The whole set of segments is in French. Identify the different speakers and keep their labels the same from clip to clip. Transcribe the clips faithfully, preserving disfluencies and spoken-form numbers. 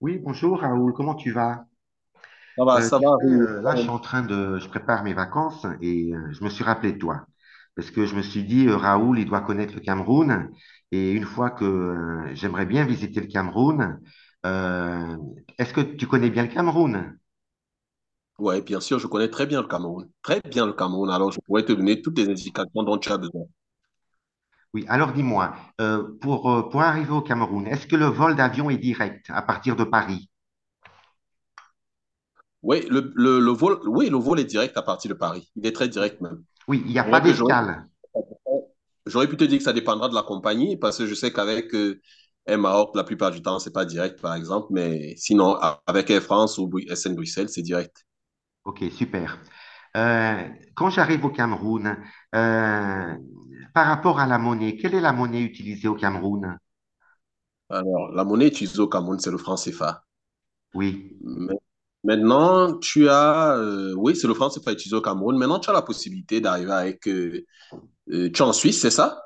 Speaker 1: Oui, bonjour Raoul, comment tu vas?
Speaker 2: Ça va,
Speaker 1: Euh,
Speaker 2: ça
Speaker 1: tu sais,
Speaker 2: va oui.
Speaker 1: euh, là, je suis en train de, je prépare mes vacances et euh, je me suis rappelé de toi. Parce que je me suis dit, euh, Raoul, il doit connaître le Cameroun. Et une fois que euh, j'aimerais bien visiter le Cameroun, euh, est-ce que tu connais bien le Cameroun?
Speaker 2: Ouais, bien sûr, je connais très bien le Cameroun. Très bien le Cameroun. Alors, je pourrais te donner toutes les indications dont tu as besoin.
Speaker 1: Oui, alors dis-moi, euh, pour, euh, pour arriver au Cameroun, est-ce que le vol d'avion est direct à partir de Paris?
Speaker 2: Oui, le, le, le vol, oui, le vol est direct à partir de Paris. Il est très direct même.
Speaker 1: Oui, il n'y a
Speaker 2: C'est
Speaker 1: pas
Speaker 2: vrai que j'aurais
Speaker 1: d'escale.
Speaker 2: j'aurais pu te dire que ça dépendra de la compagnie parce que je sais qu'avec euh, Air Maroc, la plupart du temps, c'est pas direct, par exemple. Mais sinon, a- avec Air France ou Bru- S N Bruxelles, c'est direct.
Speaker 1: Ok, super. Euh, Quand j'arrive au Cameroun, euh, par rapport à la monnaie, quelle est la monnaie utilisée au Cameroun?
Speaker 2: Alors, la monnaie utilisée au Cameroun, c'est le franc C F A.
Speaker 1: Oui.
Speaker 2: Mais- Maintenant, tu as, euh, oui, c'est le franc C F A utilisé au Cameroun. Maintenant, tu as la possibilité d'arriver avec, euh, euh, tu es en Suisse, c'est ça?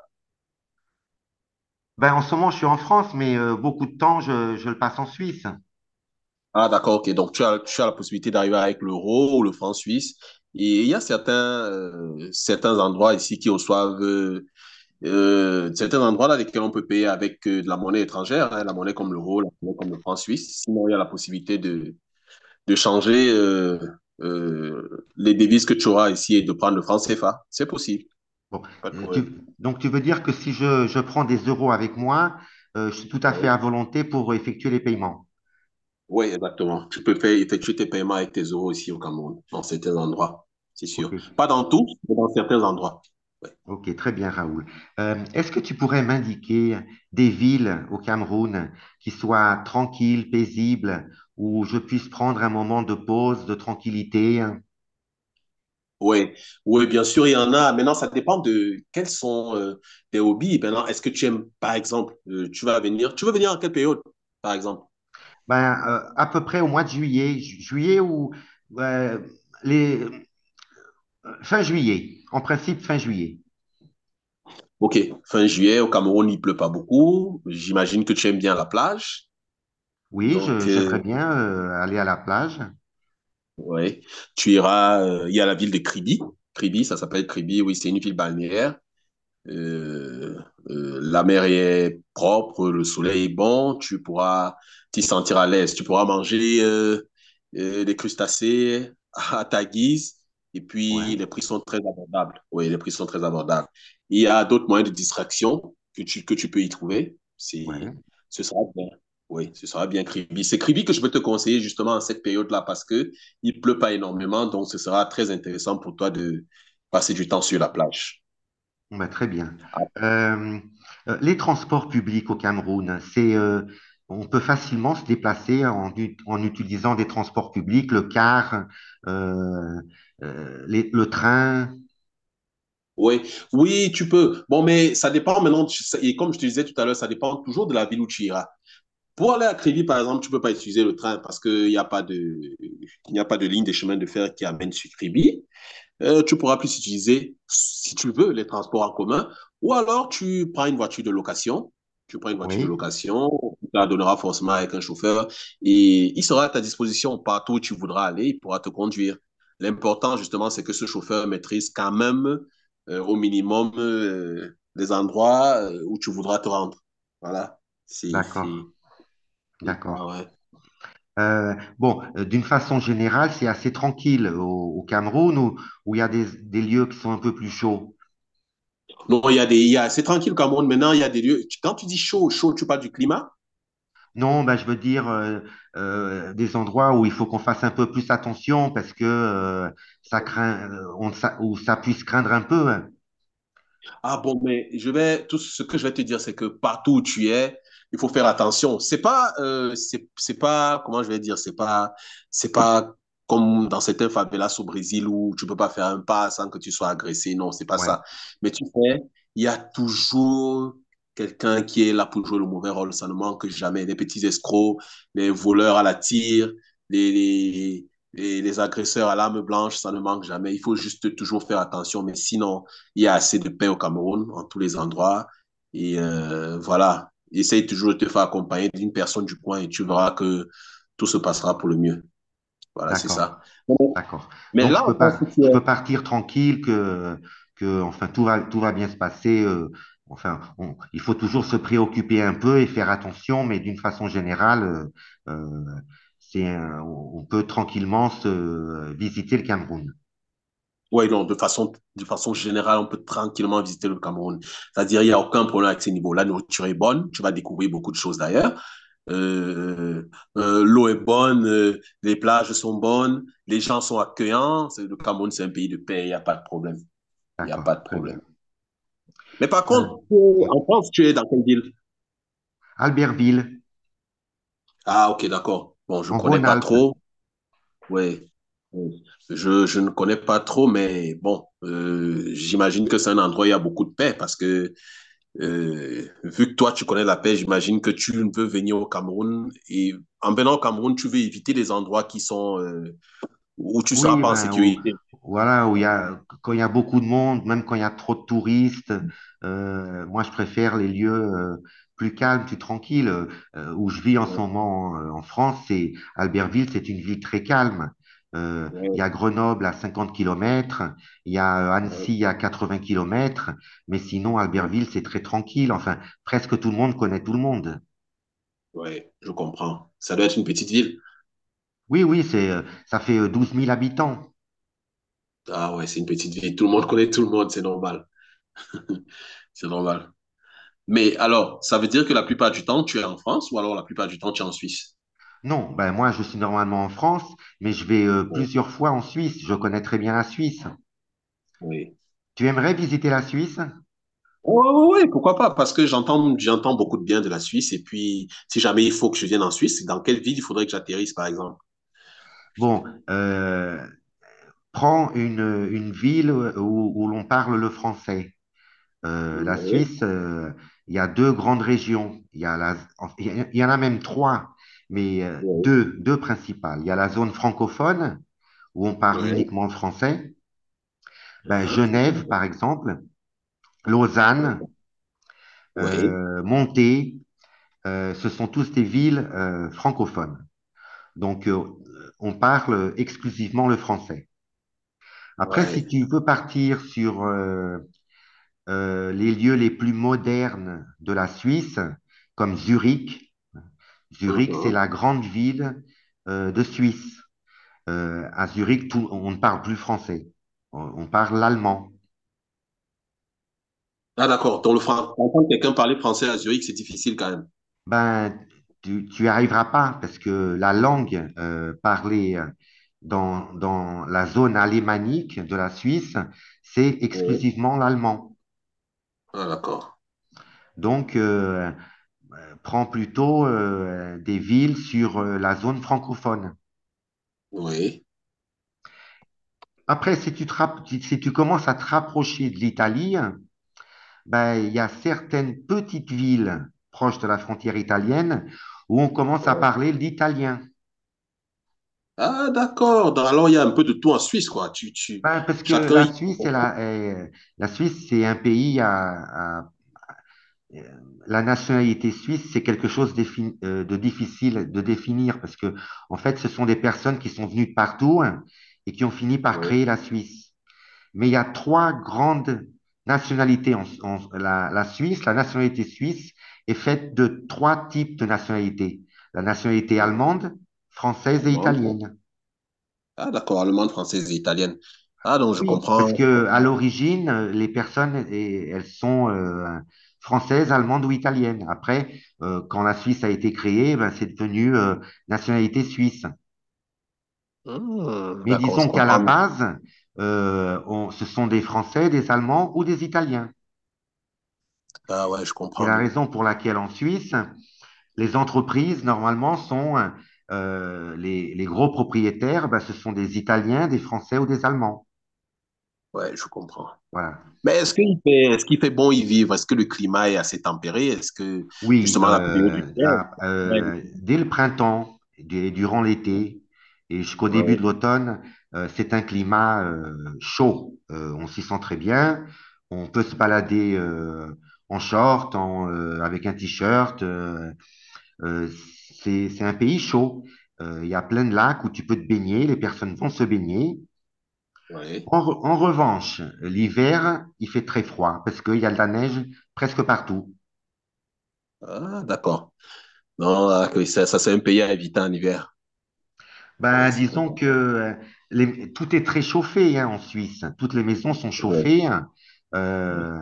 Speaker 1: Ben, en ce moment, je suis en France, mais euh, beaucoup de temps, je, je le passe en Suisse.
Speaker 2: Ah, d'accord, ok. Donc, tu as, tu as la possibilité d'arriver avec l'euro ou le franc suisse. Et il y a certains, euh, certains endroits ici qui reçoivent, euh, euh, certains endroits dans lesquels on peut payer avec euh, de la monnaie étrangère, hein, la monnaie comme l'euro, la monnaie comme le franc suisse. Sinon, il y a la possibilité de, de changer, euh, euh, les devises que tu auras ici et de prendre le franc C F A. C'est possible,
Speaker 1: Bon,
Speaker 2: pas de
Speaker 1: euh, tu-
Speaker 2: problème.
Speaker 1: donc, tu veux dire que si je, je prends des euros avec moi, euh, je suis tout à fait à volonté pour effectuer les paiements.
Speaker 2: Oui, exactement. Tu peux faire, effectuer tes paiements avec tes euros ici au Cameroun, dans certains endroits, c'est
Speaker 1: Ok.
Speaker 2: sûr. Pas dans tous, mais dans certains endroits. Ouais.
Speaker 1: Ok, très bien, Raoul. Euh, est-ce que tu pourrais m'indiquer des villes au Cameroun qui soient tranquilles, paisibles, où je puisse prendre un moment de pause, de tranquillité, hein?
Speaker 2: Oui, oui, bien sûr, il y en a. Maintenant, ça dépend de quels sont euh, tes hobbies. Maintenant, est-ce que tu aimes, par exemple, euh, tu vas venir, tu veux venir en quelle période, par exemple?
Speaker 1: Ben, euh, à peu près au mois de juillet, ju- juillet ou euh, les, fin juillet, en principe fin juillet.
Speaker 2: Ok, fin juillet, au Cameroun, il pleut pas beaucoup. J'imagine que tu aimes bien la plage.
Speaker 1: Oui,
Speaker 2: Donc,
Speaker 1: je-
Speaker 2: euh,
Speaker 1: j'aimerais bien euh, aller à la plage.
Speaker 2: ouais, tu iras. euh, il y a la ville de Kribi. Kribi, ça s'appelle Kribi, oui, c'est une ville balnéaire. Euh, euh, la mer est propre, le soleil est bon, tu pourras t'y sentir à l'aise, tu pourras manger euh, euh, des crustacés à ta guise et
Speaker 1: Ouais,
Speaker 2: puis les prix sont très abordables. Oui, les prix sont très abordables. Il y a d'autres moyens de distraction que tu, que tu peux y trouver. C'est,
Speaker 1: ouais.
Speaker 2: ce sera bien. Oui, ce sera bien Kribi. C'est Kribi que je peux te conseiller justement en cette période-là parce que il pleut pas énormément, donc ce sera très intéressant pour toi de passer du temps sur la plage.
Speaker 1: Bon, bah, très bien. Euh, euh, les transports publics au Cameroun, c'est, euh, on peut facilement se déplacer en, ut- en utilisant des transports publics, le car, euh, euh, les- le train.
Speaker 2: Oui, oui, tu peux. Bon, mais ça dépend maintenant. tu- ça- Et comme je te disais tout à l'heure, ça dépend toujours de la ville où tu iras. Pour aller à Crévy, par exemple, tu peux pas utiliser le train parce qu'il n'y a pas de, il n'y a pas de ligne de chemin de fer qui amène sur Crévy. Euh, tu pourras plus utiliser, si tu veux, les transports en commun. Ou alors, tu prends une voiture de location. Tu prends une voiture de
Speaker 1: Oui,
Speaker 2: location, tu la donneras forcément avec un chauffeur et il sera à ta disposition partout où tu voudras aller, il pourra te conduire. L'important, justement, c'est que ce chauffeur maîtrise quand même euh, au minimum euh, les endroits euh, où tu voudras te rendre. Voilà. C'est.
Speaker 1: d'accord,
Speaker 2: c'est- c'est ça,
Speaker 1: d'accord.
Speaker 2: ouais.
Speaker 1: Euh, bon, euh, d'une façon générale, c'est assez tranquille au, au Cameroun, où où il y a des, des lieux qui sont un peu plus chauds.
Speaker 2: Non, il y a des. Il y a- C'est tranquille, Cameroun. Maintenant, il y a des lieux. tu- Quand tu dis chaud, chaud, tu parles du climat.
Speaker 1: Non, bah, je veux dire euh, euh, des endroits où il faut qu'on fasse un peu plus attention parce que euh, ça craint, euh, on, ça, où ça puisse craindre un peu, hein.
Speaker 2: Ah bon, mais je vais, tout ce que je vais te dire, c'est que partout où tu es, il faut faire attention. C'est pas, euh, c'est, c'est pas, comment je vais dire, c'est pas, c'est pas comme dans certains favelas au Brésil où tu peux pas faire un pas sans que tu sois agressé. Non, c'est pas
Speaker 1: Ouais,
Speaker 2: ça. Mais tu sais, il y a toujours quelqu'un qui est là pour jouer le mauvais rôle. Ça ne manque jamais. Les petits escrocs, les voleurs à la tire, les, les, les, les agresseurs à l'arme blanche, ça ne manque jamais. Il faut juste toujours faire attention. Mais sinon, il y a assez de paix au Cameroun, en tous les endroits. Et euh, voilà, essaye toujours de te faire accompagner d'une personne du coin et tu verras que tout se passera pour le mieux. Voilà, c'est
Speaker 1: d'accord,
Speaker 2: ça. Bon,
Speaker 1: d'accord.
Speaker 2: mais
Speaker 1: Donc
Speaker 2: là,
Speaker 1: je
Speaker 2: on
Speaker 1: peux
Speaker 2: pense
Speaker 1: par-
Speaker 2: que tu
Speaker 1: je peux
Speaker 2: es...
Speaker 1: partir tranquille que, que enfin tout va, tout va bien se passer. Euh, enfin, on- il faut toujours se préoccuper un peu et faire attention, mais d'une façon générale, euh, euh, c'est un- on on peut tranquillement se euh, visiter le Cameroun.
Speaker 2: Oui, non, de façon, de façon générale, on peut tranquillement visiter le Cameroun. C'est-à-dire, il n'y a aucun problème avec ces niveaux. La nourriture est bonne, tu vas découvrir beaucoup de choses d'ailleurs. Euh, euh, l'eau est bonne, euh, les plages sont bonnes, les gens sont accueillants. Le Cameroun, c'est un pays de paix, il n'y a pas de problème. Il n'y a pas
Speaker 1: D'accord,
Speaker 2: de
Speaker 1: très
Speaker 2: problème.
Speaker 1: bien.
Speaker 2: Mais par
Speaker 1: Euh,
Speaker 2: contre, euh, en France, tu es dans quelle ville?
Speaker 1: Albertville.
Speaker 2: Ah, ok, d'accord. Bon, je
Speaker 1: En
Speaker 2: connais pas
Speaker 1: Rhône-Alpes,
Speaker 2: trop. Ouais. Ouais. Je, je ne connais pas trop, mais bon, euh, j'imagine que c'est un endroit où il y a beaucoup de paix parce que euh, vu que toi, tu connais la paix, j'imagine que tu ne veux venir au Cameroun et en venant au Cameroun, tu veux éviter les endroits qui sont euh, où tu ne seras
Speaker 1: oui,
Speaker 2: pas en
Speaker 1: ben, où-
Speaker 2: sécurité.
Speaker 1: voilà, où il y
Speaker 2: Ouais,
Speaker 1: a, quand il y a beaucoup de monde, même quand il y a trop de touristes, euh, moi je préfère les lieux euh, plus calmes, plus tranquilles. Euh, où je vis en ce moment euh, en France, c'est Albertville, c'est une ville très calme. Euh, Il y a
Speaker 2: ouais,
Speaker 1: Grenoble à cinquante kilomètres, il y a euh,
Speaker 2: ouais,
Speaker 1: Annecy à quatre-vingts kilomètres, mais sinon Albertville,
Speaker 2: ouais.
Speaker 1: c'est très tranquille. Enfin, presque tout le monde connaît tout le monde.
Speaker 2: Ouais, je comprends. Ça doit être une petite ville.
Speaker 1: Oui, oui, c'est, euh, ça fait euh, douze mille habitants.
Speaker 2: Ah ouais, c'est une petite ville. Tout le monde connaît tout le monde, c'est normal. C'est normal. Mais alors, ça veut dire que la plupart du temps, tu es en France ou alors la plupart du temps, tu es en Suisse?
Speaker 1: Non, ben moi je suis normalement en France, mais je vais euh,
Speaker 2: Bon,
Speaker 1: plusieurs fois en Suisse. Je connais très bien la Suisse.
Speaker 2: oui.
Speaker 1: Tu aimerais visiter la Suisse?
Speaker 2: Oui, oui, pourquoi pas? Parce que j'entends, j'entends beaucoup de bien de la Suisse. Et puis, si jamais il faut que je vienne en Suisse, dans quelle ville il faudrait que j'atterrisse, par exemple?
Speaker 1: Bon, euh, prends une, une ville où, où l'on parle le français. Euh, la
Speaker 2: Oui,
Speaker 1: Suisse, euh, il y a deux grandes régions. Il y a la, en- il y a- Il y en a même trois, mais euh,
Speaker 2: oui,
Speaker 1: deux, deux principales. Il y a la zone francophone où on parle
Speaker 2: oui.
Speaker 1: uniquement le français. Ben,
Speaker 2: Hein?
Speaker 1: Genève, par exemple, Lausanne,
Speaker 2: Oui,
Speaker 1: euh, Monté. Euh, ce sont tous des villes euh, francophones. Donc, euh, on parle exclusivement le français. Après,
Speaker 2: oui.
Speaker 1: si tu veux partir sur euh, euh, les lieux les plus modernes de la Suisse, comme Zurich, Zurich, c'est
Speaker 2: Mhm.
Speaker 1: la grande ville euh, de Suisse. Euh, à Zurich, tout- on ne parle plus français, on, on parle l'allemand.
Speaker 2: Ah, d'accord. Donc, le français, entendre quelqu'un parler français à Zurich, c'est difficile quand même.
Speaker 1: Ben, tu, tu y arriveras pas parce que la langue euh, parlée dans, dans la zone alémanique de la Suisse, c'est
Speaker 2: Oui.
Speaker 1: exclusivement l'allemand.
Speaker 2: Ah, d'accord.
Speaker 1: Donc, euh, prends plutôt euh, des villes sur euh, la zone francophone.
Speaker 2: Oui.
Speaker 1: Après, si tu, te rap- si si tu commences à te rapprocher de l'Italie, ben, il y a certaines petites villes proches de la frontière italienne où on commence à parler l'italien.
Speaker 2: Ah, d'accord. Dans- Alors, il y a un peu de tout en Suisse, quoi. Tu, tu,
Speaker 1: Ben, parce que
Speaker 2: chacun
Speaker 1: la
Speaker 2: y...
Speaker 1: Suisse, elle a, euh, la Suisse, c'est un pays à, à- euh, la nationalité suisse, c'est quelque chose d'effi- euh, de difficile de définir parce que, en fait, ce sont des personnes qui sont venues de partout, hein, et qui ont fini par
Speaker 2: Ouais.
Speaker 1: créer la Suisse. Mais il y a trois grandes nationalités en, en- la, la Suisse. La nationalité suisse est faite de trois types de nationalités. La nationalité allemande, française et
Speaker 2: Allemande.
Speaker 1: italienne.
Speaker 2: Ah, d'accord. Allemande, française et italienne. Ah, donc, je
Speaker 1: Oui, parce
Speaker 2: comprends. Je
Speaker 1: que à
Speaker 2: comprends.
Speaker 1: l'origine, euh, les personnes, eh, elles sont euh, françaises, allemandes ou italiennes. Après, euh, quand la Suisse a été créée, ben, c'est devenu euh, nationalité suisse.
Speaker 2: Hmm,
Speaker 1: Mais
Speaker 2: d'accord, je
Speaker 1: disons qu'à la
Speaker 2: comprends mieux.
Speaker 1: base, euh, on- ce sont des Français, des Allemands ou des Italiens.
Speaker 2: Ah, ouais, je
Speaker 1: C'est
Speaker 2: comprends
Speaker 1: la
Speaker 2: mieux.
Speaker 1: raison pour laquelle en Suisse, les entreprises, normalement, sont euh, les, les gros propriétaires, ben, ce sont des Italiens, des Français ou des Allemands.
Speaker 2: Ouais, je comprends.
Speaker 1: Voilà.
Speaker 2: Mais est-ce qu'il fait, est-ce qu'il fait bon y vivre? Est-ce que le climat est assez tempéré? Est-ce que,
Speaker 1: Oui,
Speaker 2: justement, la période du
Speaker 1: euh,
Speaker 2: hiver?
Speaker 1: à-
Speaker 2: Ouais.
Speaker 1: euh, dès le printemps et durant l'été et jusqu'au début de
Speaker 2: Ouais.
Speaker 1: l'automne, euh, c'est un climat euh, chaud. Euh, on s'y sent très bien. On peut se balader euh, en short, en, euh, avec un t-shirt. euh, euh, c'est, c'est un pays chaud. Euh, Il y a plein de lacs où tu peux te baigner. Les personnes vont se baigner.
Speaker 2: Ouais.
Speaker 1: En, re- en revanche, l'hiver, il fait très froid parce qu'il y a de la neige presque partout.
Speaker 2: Ah, d'accord. Non, ah, que ça, ça, c'est un pays à éviter en hiver.
Speaker 1: Ben,
Speaker 2: Oui, c'est très
Speaker 1: disons que
Speaker 2: complet.
Speaker 1: euh, les- tout est très chauffé, hein, en Suisse. Toutes les maisons sont
Speaker 2: Ouais.
Speaker 1: chauffées, hein.
Speaker 2: Ouais,
Speaker 1: Euh,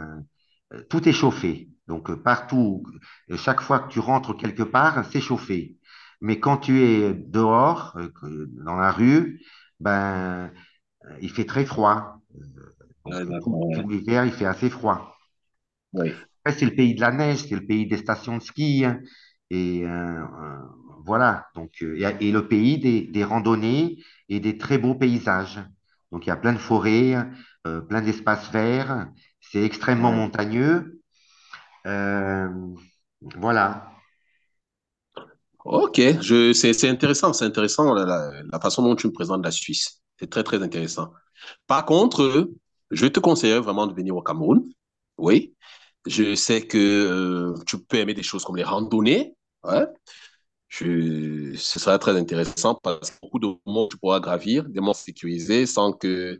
Speaker 1: euh, Tout est chauffé. Donc, euh, partout, euh, chaque fois que tu rentres quelque part, c'est chauffé. Mais quand tu es dehors, euh, que- dans la rue, ben, euh, il fait très froid.
Speaker 2: ah,
Speaker 1: Donc, tout,
Speaker 2: d'accord.
Speaker 1: tout l'hiver, il fait assez froid.
Speaker 2: Ouais.
Speaker 1: Après, c'est le pays de la neige, c'est le pays des stations de ski, hein. et euh, euh, voilà. Donc, euh, et, et le pays des, des randonnées et des très beaux paysages. Donc, il y a plein de forêts, euh, plein d'espaces verts. C'est extrêmement
Speaker 2: Oui.
Speaker 1: montagneux. Euh, voilà.
Speaker 2: Ok, je, c'est, c'est intéressant, c'est intéressant la, la- la façon dont tu me présentes la Suisse. C'est très, très intéressant. Par contre, euh, je te conseillerais vraiment de venir au Cameroun. Oui, je sais que euh, tu peux aimer des choses comme les randonnées. Ouais. Je, ce sera très intéressant parce que beaucoup de monts que tu pourras gravir, des monts sécurisés sans que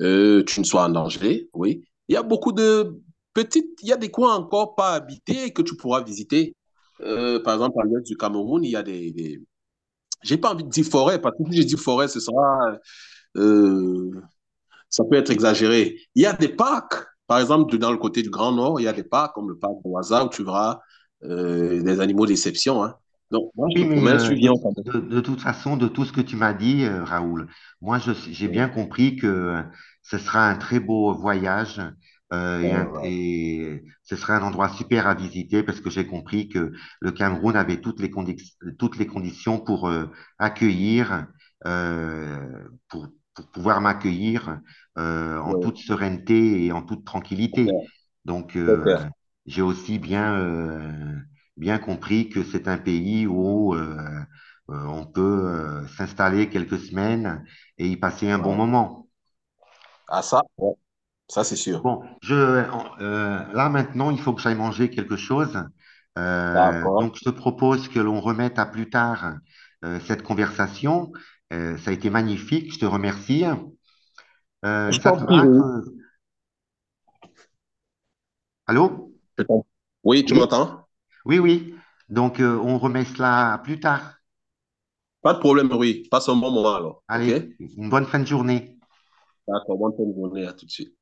Speaker 2: euh, tu ne sois en danger. Oui, il y a beaucoup de petites, il y a des coins encore pas habités que tu pourras visiter. Euh, par exemple, à l'est du Cameroun, il y a des, des- j'ai pas envie de dire forêt, parce que si je dis forêt, ce sera, euh, ça peut être exagéré. Il y a des parcs, par exemple, dans le côté du Grand Nord, il y a des parcs comme le parc de Waza où tu verras euh, des animaux d'exception. Hein. Donc, moi, je
Speaker 1: Oui,
Speaker 2: te
Speaker 1: mais
Speaker 2: promets,
Speaker 1: euh,
Speaker 2: tu
Speaker 1: de,
Speaker 2: viens au
Speaker 1: tout-
Speaker 2: Cameroun.
Speaker 1: de- de toute façon, de tout ce que tu m'as dit, euh, Raoul, moi, je, j'ai bien
Speaker 2: Ouais,
Speaker 1: compris que euh, ce sera un très beau voyage euh, et, un-
Speaker 2: ouais,
Speaker 1: et ce sera un endroit super à visiter parce que j'ai compris que le Cameroun avait toutes les, condi- toutes les conditions pour euh, accueillir, euh, pour, pour pouvoir m'accueillir euh, en
Speaker 2: ouais,
Speaker 1: toute sérénité et en toute
Speaker 2: au
Speaker 1: tranquillité.
Speaker 2: cœur,
Speaker 1: Donc, euh, j'ai aussi bien... euh, bien compris que c'est un pays où euh, euh, on peut euh, s'installer quelques semaines et y passer un bon
Speaker 2: ouais.
Speaker 1: moment.
Speaker 2: Ah, ça, ouais, ça, c'est sûr.
Speaker 1: Bon, je, euh, là maintenant, il faut que j'aille manger quelque chose. Euh,
Speaker 2: D'accord.
Speaker 1: donc, je te propose que l'on remette à plus tard euh, cette conversation. Euh, ça a été magnifique, je te remercie. Euh,
Speaker 2: Je
Speaker 1: ça
Speaker 2: t'en
Speaker 1: te
Speaker 2: prie,
Speaker 1: va que...
Speaker 2: Rui.
Speaker 1: Allô?
Speaker 2: Je t'en- Oui, tu
Speaker 1: Oui,
Speaker 2: m'entends?
Speaker 1: oui, oui. Donc, euh, on remet cela à plus tard.
Speaker 2: Pas de problème, Rui. Passe un bon moment alors, ok?
Speaker 1: Allez, une bonne fin de journée.
Speaker 2: D'accord, bonne journée, à tout de suite.